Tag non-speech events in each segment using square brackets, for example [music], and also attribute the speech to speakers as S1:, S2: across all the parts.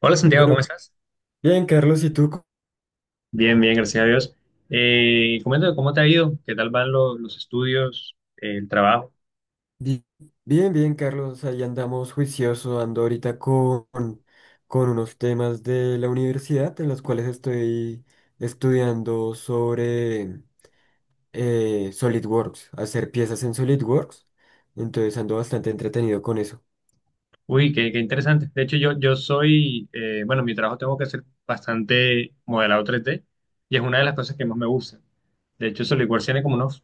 S1: Hola Santiago, ¿cómo
S2: Bueno,
S1: estás?
S2: bien, Carlos, ¿y tú?
S1: Bien, bien, gracias a Dios. Coméntame cómo te ha ido, qué tal van los estudios, el trabajo.
S2: Bi- Bien, bien, Carlos, ahí andamos juicioso, ando ahorita con unos temas de la universidad en los cuales estoy estudiando sobre SolidWorks, hacer piezas en SolidWorks, entonces ando bastante entretenido con eso.
S1: Uy, qué interesante. De hecho, yo soy, bueno, mi trabajo tengo que hacer bastante modelado 3D y es una de las cosas que más me gusta. De hecho, Solidworks tiene como unos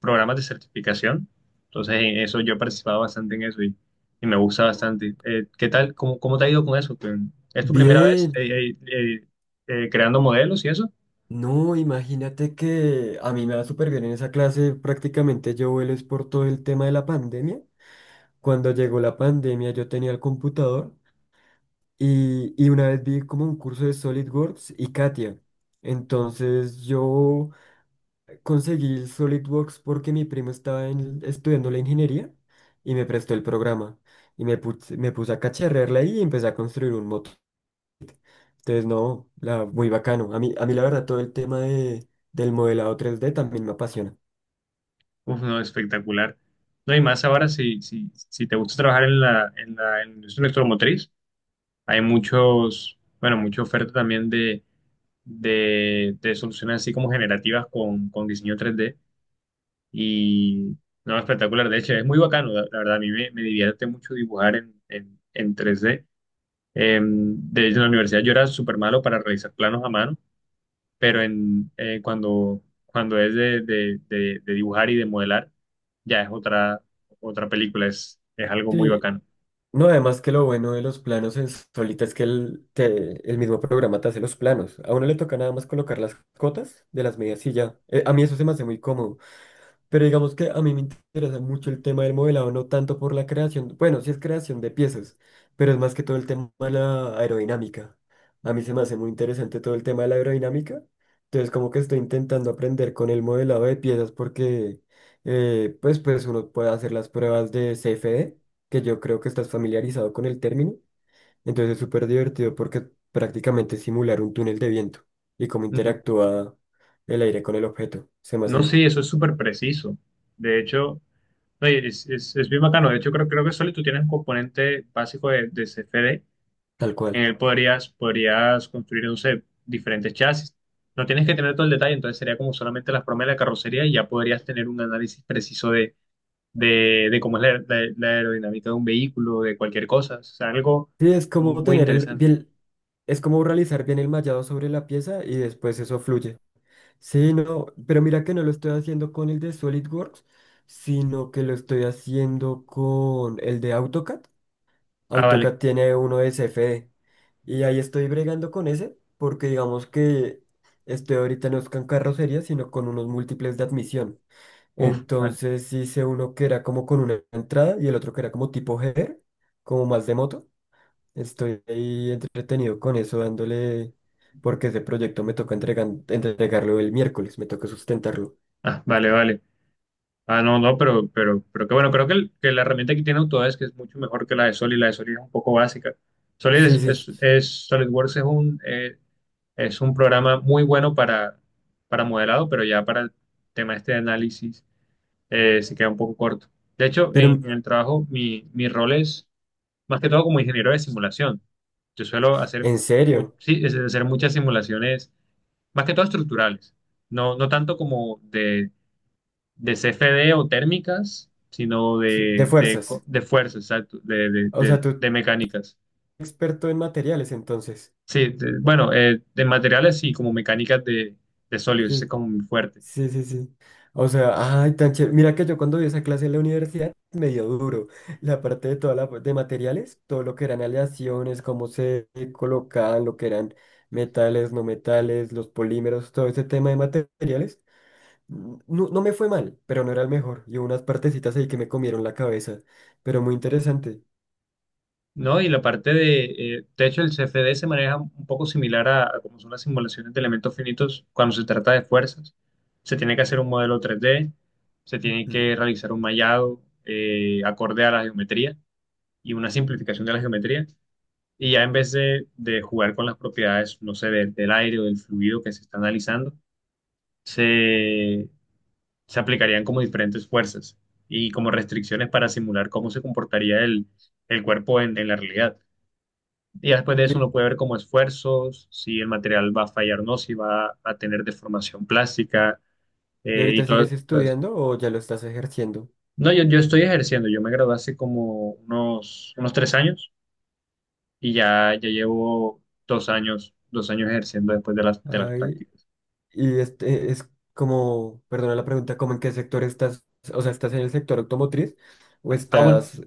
S1: programas de certificación. Entonces, en eso yo he participado bastante en eso y me gusta bastante. ¿Qué tal? ¿Cómo te ha ido con eso? ¿Es tu primera vez
S2: Bien,
S1: creando modelos y eso?
S2: no, imagínate que a mí me va súper bien en esa clase, prácticamente yo vuelo es por todo el tema de la pandemia. Cuando llegó la pandemia yo tenía el computador. Y una vez vi como un curso de SolidWorks y Katia. Entonces yo conseguí el SolidWorks porque mi primo estudiando la ingeniería y me prestó el programa. Y me puse a cacharrearla ahí y empecé a construir un moto. Entonces no, la, muy bacano. A mí la verdad todo el tema del modelado tres d también me apasiona.
S1: Uf, no, espectacular. No, y más ahora, si te gusta trabajar en en la industria electromotriz, hay muchos, bueno, mucha oferta también de soluciones así como generativas con diseño 3D. Y, no, espectacular. De hecho, es muy bacano, la verdad, a mí me divierte mucho dibujar en 3D. De hecho, en la universidad yo era súper malo para realizar planos a mano, pero cuando es de dibujar y de modelar, ya es otra película, es algo muy
S2: Sí,
S1: bacano.
S2: no, además que lo bueno de los planos en Solita es que el mismo programa te hace los planos. A uno le toca nada más colocar las cotas de las medidas y ya. A mí eso se me hace muy cómodo. Pero digamos que a mí me interesa mucho el tema del modelado, no tanto por la creación, bueno, sí es creación de piezas, pero es más que todo el tema de la aerodinámica. A mí se me hace muy interesante todo el tema de la aerodinámica. Entonces, como que estoy intentando aprender con el modelado de piezas porque pues uno puede hacer las pruebas de CFD, que yo creo que estás familiarizado con el término. Entonces, es súper divertido porque prácticamente es simular un túnel de viento y cómo
S1: Ujú.
S2: interactúa el aire con el objeto. Se me
S1: No,
S2: hace
S1: sí, eso es súper preciso. De hecho, oye, es bien bacano. De hecho, creo que solo tú tienes un componente básico de CFD.
S2: tal
S1: En
S2: cual.
S1: él, podrías construir, no sé, diferentes chasis. No tienes que tener todo el detalle, entonces sería como solamente las formas de la carrocería y ya podrías tener un análisis preciso de cómo es la aerodinámica de un vehículo, de cualquier cosa. O sea, algo
S2: Sí, es como
S1: muy
S2: tener el
S1: interesante.
S2: bien, es como realizar bien el mallado sobre la pieza y después eso fluye. Sí, no, pero mira que no lo estoy haciendo con el de SolidWorks, sino que lo estoy haciendo con el de AutoCAD.
S1: Ah, vale.
S2: AutoCAD tiene uno de CFD y ahí estoy bregando con ese porque digamos que estoy ahorita no es con carrocería, sino con unos múltiples de admisión.
S1: Uf, vale.
S2: Entonces hice uno que era como con una entrada y el otro que era como tipo header, como más de moto. Estoy ahí entretenido con eso, dándole, porque ese proyecto me toca entregarlo el miércoles, me toca sustentarlo.
S1: Ah, vale, vale. Ah, no, no, pero que bueno, creo que la herramienta que tiene Autodesk es mucho mejor que la de Solid. La de Solid es un poco básica. Solid
S2: Sí,
S1: es,
S2: sí,
S1: SolidWorks es un programa muy bueno para modelado, pero ya para el tema este de análisis, se queda un poco corto. De hecho,
S2: pero
S1: en el trabajo mi rol es más que todo como ingeniero de simulación. Yo suelo hacer,
S2: en serio,
S1: sí, hacer muchas simulaciones, más que todo estructurales. No, no tanto como de CFD o térmicas, sino
S2: sí, de fuerzas.
S1: de fuerzas, exacto,
S2: O sea,
S1: de
S2: tú
S1: mecánicas.
S2: experto en materiales, entonces.
S1: Sí, de- bueno, de materiales y como mecánicas de sólidos, ese es
S2: Sí,
S1: como muy fuerte.
S2: sí, sí, sí. O sea, ay, tan chévere. Mira que yo cuando vi esa clase en la universidad, me dio duro. La parte de toda la de materiales, todo lo que eran aleaciones, cómo se colocaban, lo que eran metales, no metales, los polímeros, todo ese tema de materiales. No, no me fue mal, pero no era el mejor. Y hubo unas partecitas ahí que me comieron la cabeza, pero muy interesante.
S1: No, y la parte de hecho, el CFD se maneja un poco similar a como son las simulaciones de elementos finitos cuando se trata de fuerzas. Se tiene que hacer un modelo 3D, se tiene que
S2: Ujú.
S1: realizar un mallado acorde a la geometría y una simplificación de la geometría. Y ya en vez de jugar con las propiedades, no sé, del aire o del fluido que se está analizando, se, se aplicarían como diferentes fuerzas y como restricciones para simular cómo se comportaría el cuerpo en la realidad. Y ya después de eso
S2: ¿Y,
S1: uno puede ver como esfuerzos, si el material va a fallar o no, si va a tener deformación plástica,
S2: y
S1: y
S2: ahorita
S1: todo.
S2: sigues
S1: Entonces,
S2: estudiando o ya lo estás ejerciendo?
S1: no, yo estoy ejerciendo, yo me gradué hace como unos 3 años y ya llevo 2 años, 2 años ejerciendo después de de las
S2: Ay,
S1: prácticas.
S2: y este es como, perdona la pregunta, ¿cómo en qué sector estás? O sea, ¿estás en el sector automotriz o
S1: Ah, ah, bueno,
S2: estás...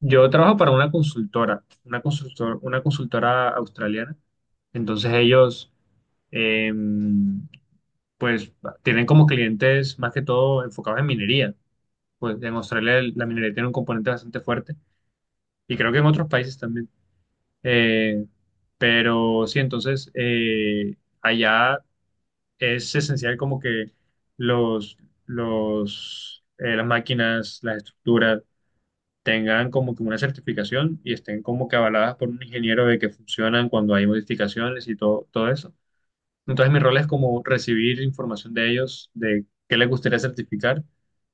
S1: yo trabajo para una consultora, una consultora australiana. Entonces ellos, eh, pues, tienen como clientes más que todo enfocados en minería. Pues en Australia, la minería tiene un componente bastante fuerte y creo que en otros países también. Eh, pero sí, entonces allá es esencial como que los, las máquinas, las estructuras tengan como que una certificación y estén como que avaladas por un ingeniero de que funcionan cuando hay modificaciones y todo, todo eso. Entonces mi rol es como recibir información de ellos, de qué les gustaría certificar,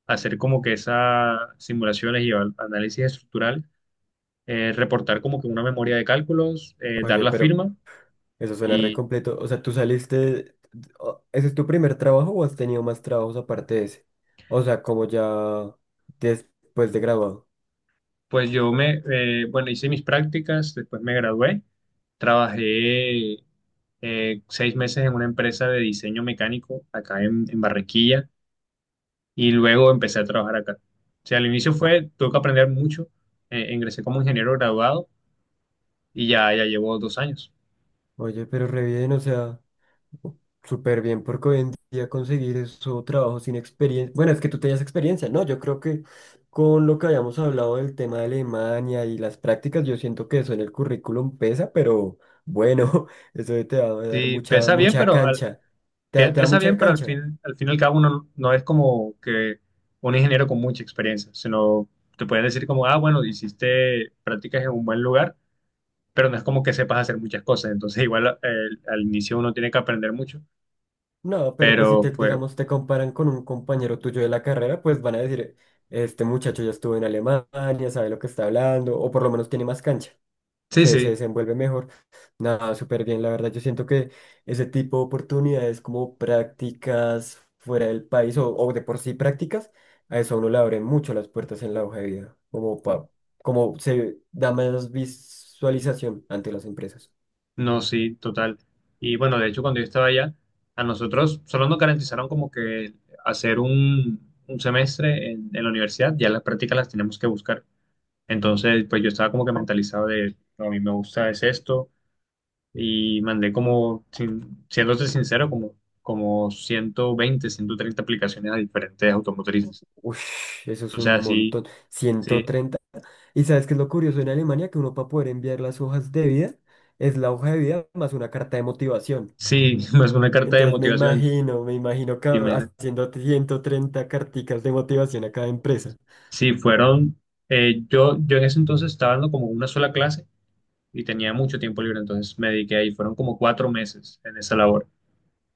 S1: hacer como que esas simulaciones y análisis estructural, reportar como que una memoria de cálculos, dar
S2: Oye,
S1: la
S2: pero
S1: firma.
S2: eso suena re
S1: Y
S2: completo. O sea, ¿tú saliste... ¿Ese es tu primer trabajo o has tenido más trabajos aparte de ese? O sea, como ya después de graduado.
S1: pues yo me, bueno, hice mis prácticas, después me gradué, trabajé 6 meses en una empresa de diseño mecánico acá en Barranquilla y luego empecé a trabajar acá. O sea, al inicio fue, tuve que aprender mucho, ingresé como ingeniero graduado y ya llevo dos años.
S2: Oye, pero re bien, o sea... Súper bien, porque hoy en día conseguir eso, trabajo sin experiencia. Bueno, es que tú tenías experiencia, ¿no? Yo creo que con lo que habíamos hablado del tema de Alemania y las prácticas, yo siento que eso en el currículum pesa, pero bueno, [laughs] eso te va a dar
S1: Sí,
S2: mucha,
S1: pesa bien,
S2: mucha cancha. ¿Te da
S1: pesa bien,
S2: mucha
S1: pero
S2: cancha?
S1: al fin y al cabo uno no es como que un ingeniero con mucha experiencia, sino te pueden decir como, ah, bueno, hiciste prácticas en un buen lugar, pero no es como que sepas hacer muchas cosas. Entonces, igual al inicio uno tiene que aprender mucho,
S2: No, pero pues si
S1: pero
S2: te,
S1: fue,
S2: digamos, te comparan con un compañero tuyo de la carrera, pues van a decir, este muchacho ya estuvo en Alemania, sabe lo que está hablando, o por lo menos tiene más cancha.
S1: sí,
S2: Se
S1: sí,
S2: desenvuelve mejor. Nada, súper bien, la verdad. Yo siento que ese tipo de oportunidades como prácticas fuera del país o de por sí prácticas, a eso a uno le abren mucho las puertas en la hoja de vida, como se da más visualización ante las empresas.
S1: no, sí, total. Y bueno, de hecho, cuando yo estaba allá, a nosotros solo nos garantizaron como que hacer un semestre en la universidad, ya las prácticas las tenemos que buscar. Entonces, pues yo estaba como que mentalizado de, "No, a mí me gusta es esto", y mandé como, siéndote sincero, como 120 130 aplicaciones a diferentes automotrices.
S2: Ush, eso es
S1: Entonces,
S2: un
S1: así,
S2: montón, ciento
S1: sí,
S2: treinta. ¿Y sabes qué es lo curioso en Alemania? Que uno para poder enviar las hojas de vida es la hoja de vida más una carta de motivación.
S1: sí, [laughs] más una carta de
S2: Entonces me
S1: motivación, entonces,
S2: imagino,
S1: imagínate.
S2: haciendo 130 carticas de motivación a cada empresa.
S1: Sí, fueron, yo en ese entonces estaba dando como una sola clase y tenía mucho tiempo libre, entonces me dediqué ahí, fueron como 4 meses en esa labor.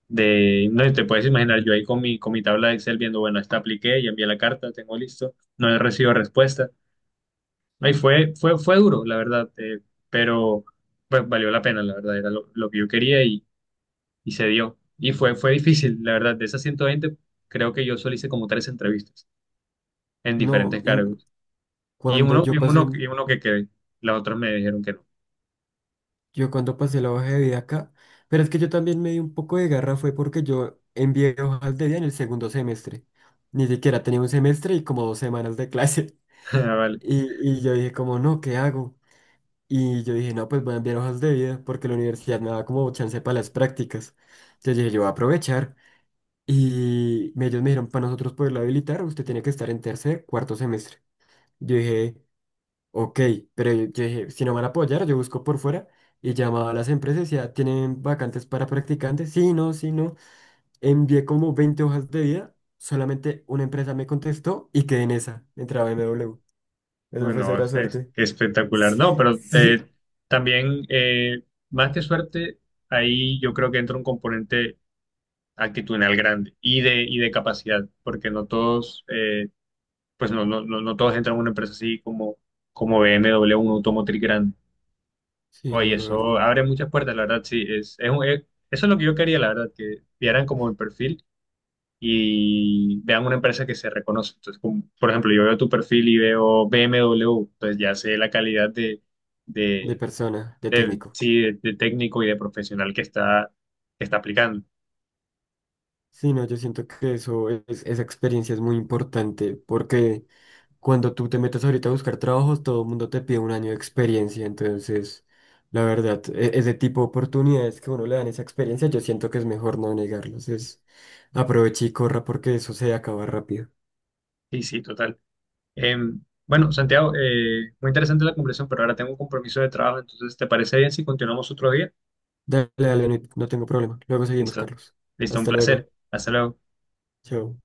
S1: De, no te puedes imaginar, yo ahí con mi, tabla de Excel viendo, bueno, esta apliqué, ya envié la carta, tengo listo, no he recibido respuesta. Ahí fue, fue duro, la verdad, pero pues valió la pena, la verdad, era lo que yo quería y se dio. Y fue difícil, la verdad, de esas 120 creo que yo solo hice como tres entrevistas en
S2: No,
S1: diferentes
S2: y m-
S1: cargos. Y
S2: cuando
S1: uno,
S2: yo
S1: y
S2: pasé,
S1: uno, y uno que quedé, las otras me dijeron que no.
S2: yo cuando pasé la hoja de vida acá, pero es que yo también me di un poco de garra fue porque yo envié hojas de vida en el segundo semestre. Ni siquiera tenía un semestre y como dos semanas de clase. [laughs]
S1: [laughs] Ah, vale.
S2: Y yo dije como, no, ¿qué hago? Y yo dije, no, pues voy a enviar hojas de vida porque la universidad me da como chance para las prácticas. Entonces dije, yo voy a aprovechar. Ellos me dijeron, para nosotros poderlo habilitar, usted tiene que estar en tercer, cuarto semestre. Yo dije, ok, pero yo dije, si no van a apoyar, yo busco por fuera. Y llamaba a las empresas, ya tienen vacantes para practicantes. Sí, no, sí, no. Envié como 20 hojas de vida, solamente una empresa me contestó y quedé en esa. Entraba MW. Esa fue
S1: Bueno,
S2: cera
S1: es
S2: suerte. [laughs]
S1: espectacular.
S2: Sí,
S1: No, pero
S2: sí,
S1: también, más que suerte, ahí yo creo que entra un componente actitudinal grande y y de capacidad, porque no todos, pues no todos entran a una empresa así como BMW, un automotriz grande.
S2: sí,
S1: Oye,
S2: no, la verdad.
S1: eso abre muchas puertas, la verdad, sí. Eso es lo que yo quería, la verdad, que vieran como el perfil y vean una empresa que se reconoce. Entonces, como, por ejemplo, yo veo tu perfil y veo BMW, pues ya sé la calidad
S2: De
S1: de,
S2: persona, de técnico.
S1: sí, de técnico y de profesional que está, aplicando.
S2: Sí, no, yo siento que eso es, esa experiencia es muy importante porque cuando tú te metes ahorita a buscar trabajos, todo el mundo te pide un año de experiencia. Entonces, la verdad, ese tipo de oportunidades que a uno le dan esa experiencia, yo siento que es mejor no negarlos. Es aproveche y corra porque eso se acaba rápido.
S1: Sí, sí, total. Bueno, Santiago, muy interesante la conversación, pero ahora tengo un compromiso de trabajo, entonces, ¿te parece bien si continuamos otro día?
S2: Dale, dale, no, no tengo problema. Luego seguimos,
S1: Listo.
S2: Carlos.
S1: Listo, un
S2: Hasta
S1: placer.
S2: luego.
S1: Hasta luego.
S2: Chao.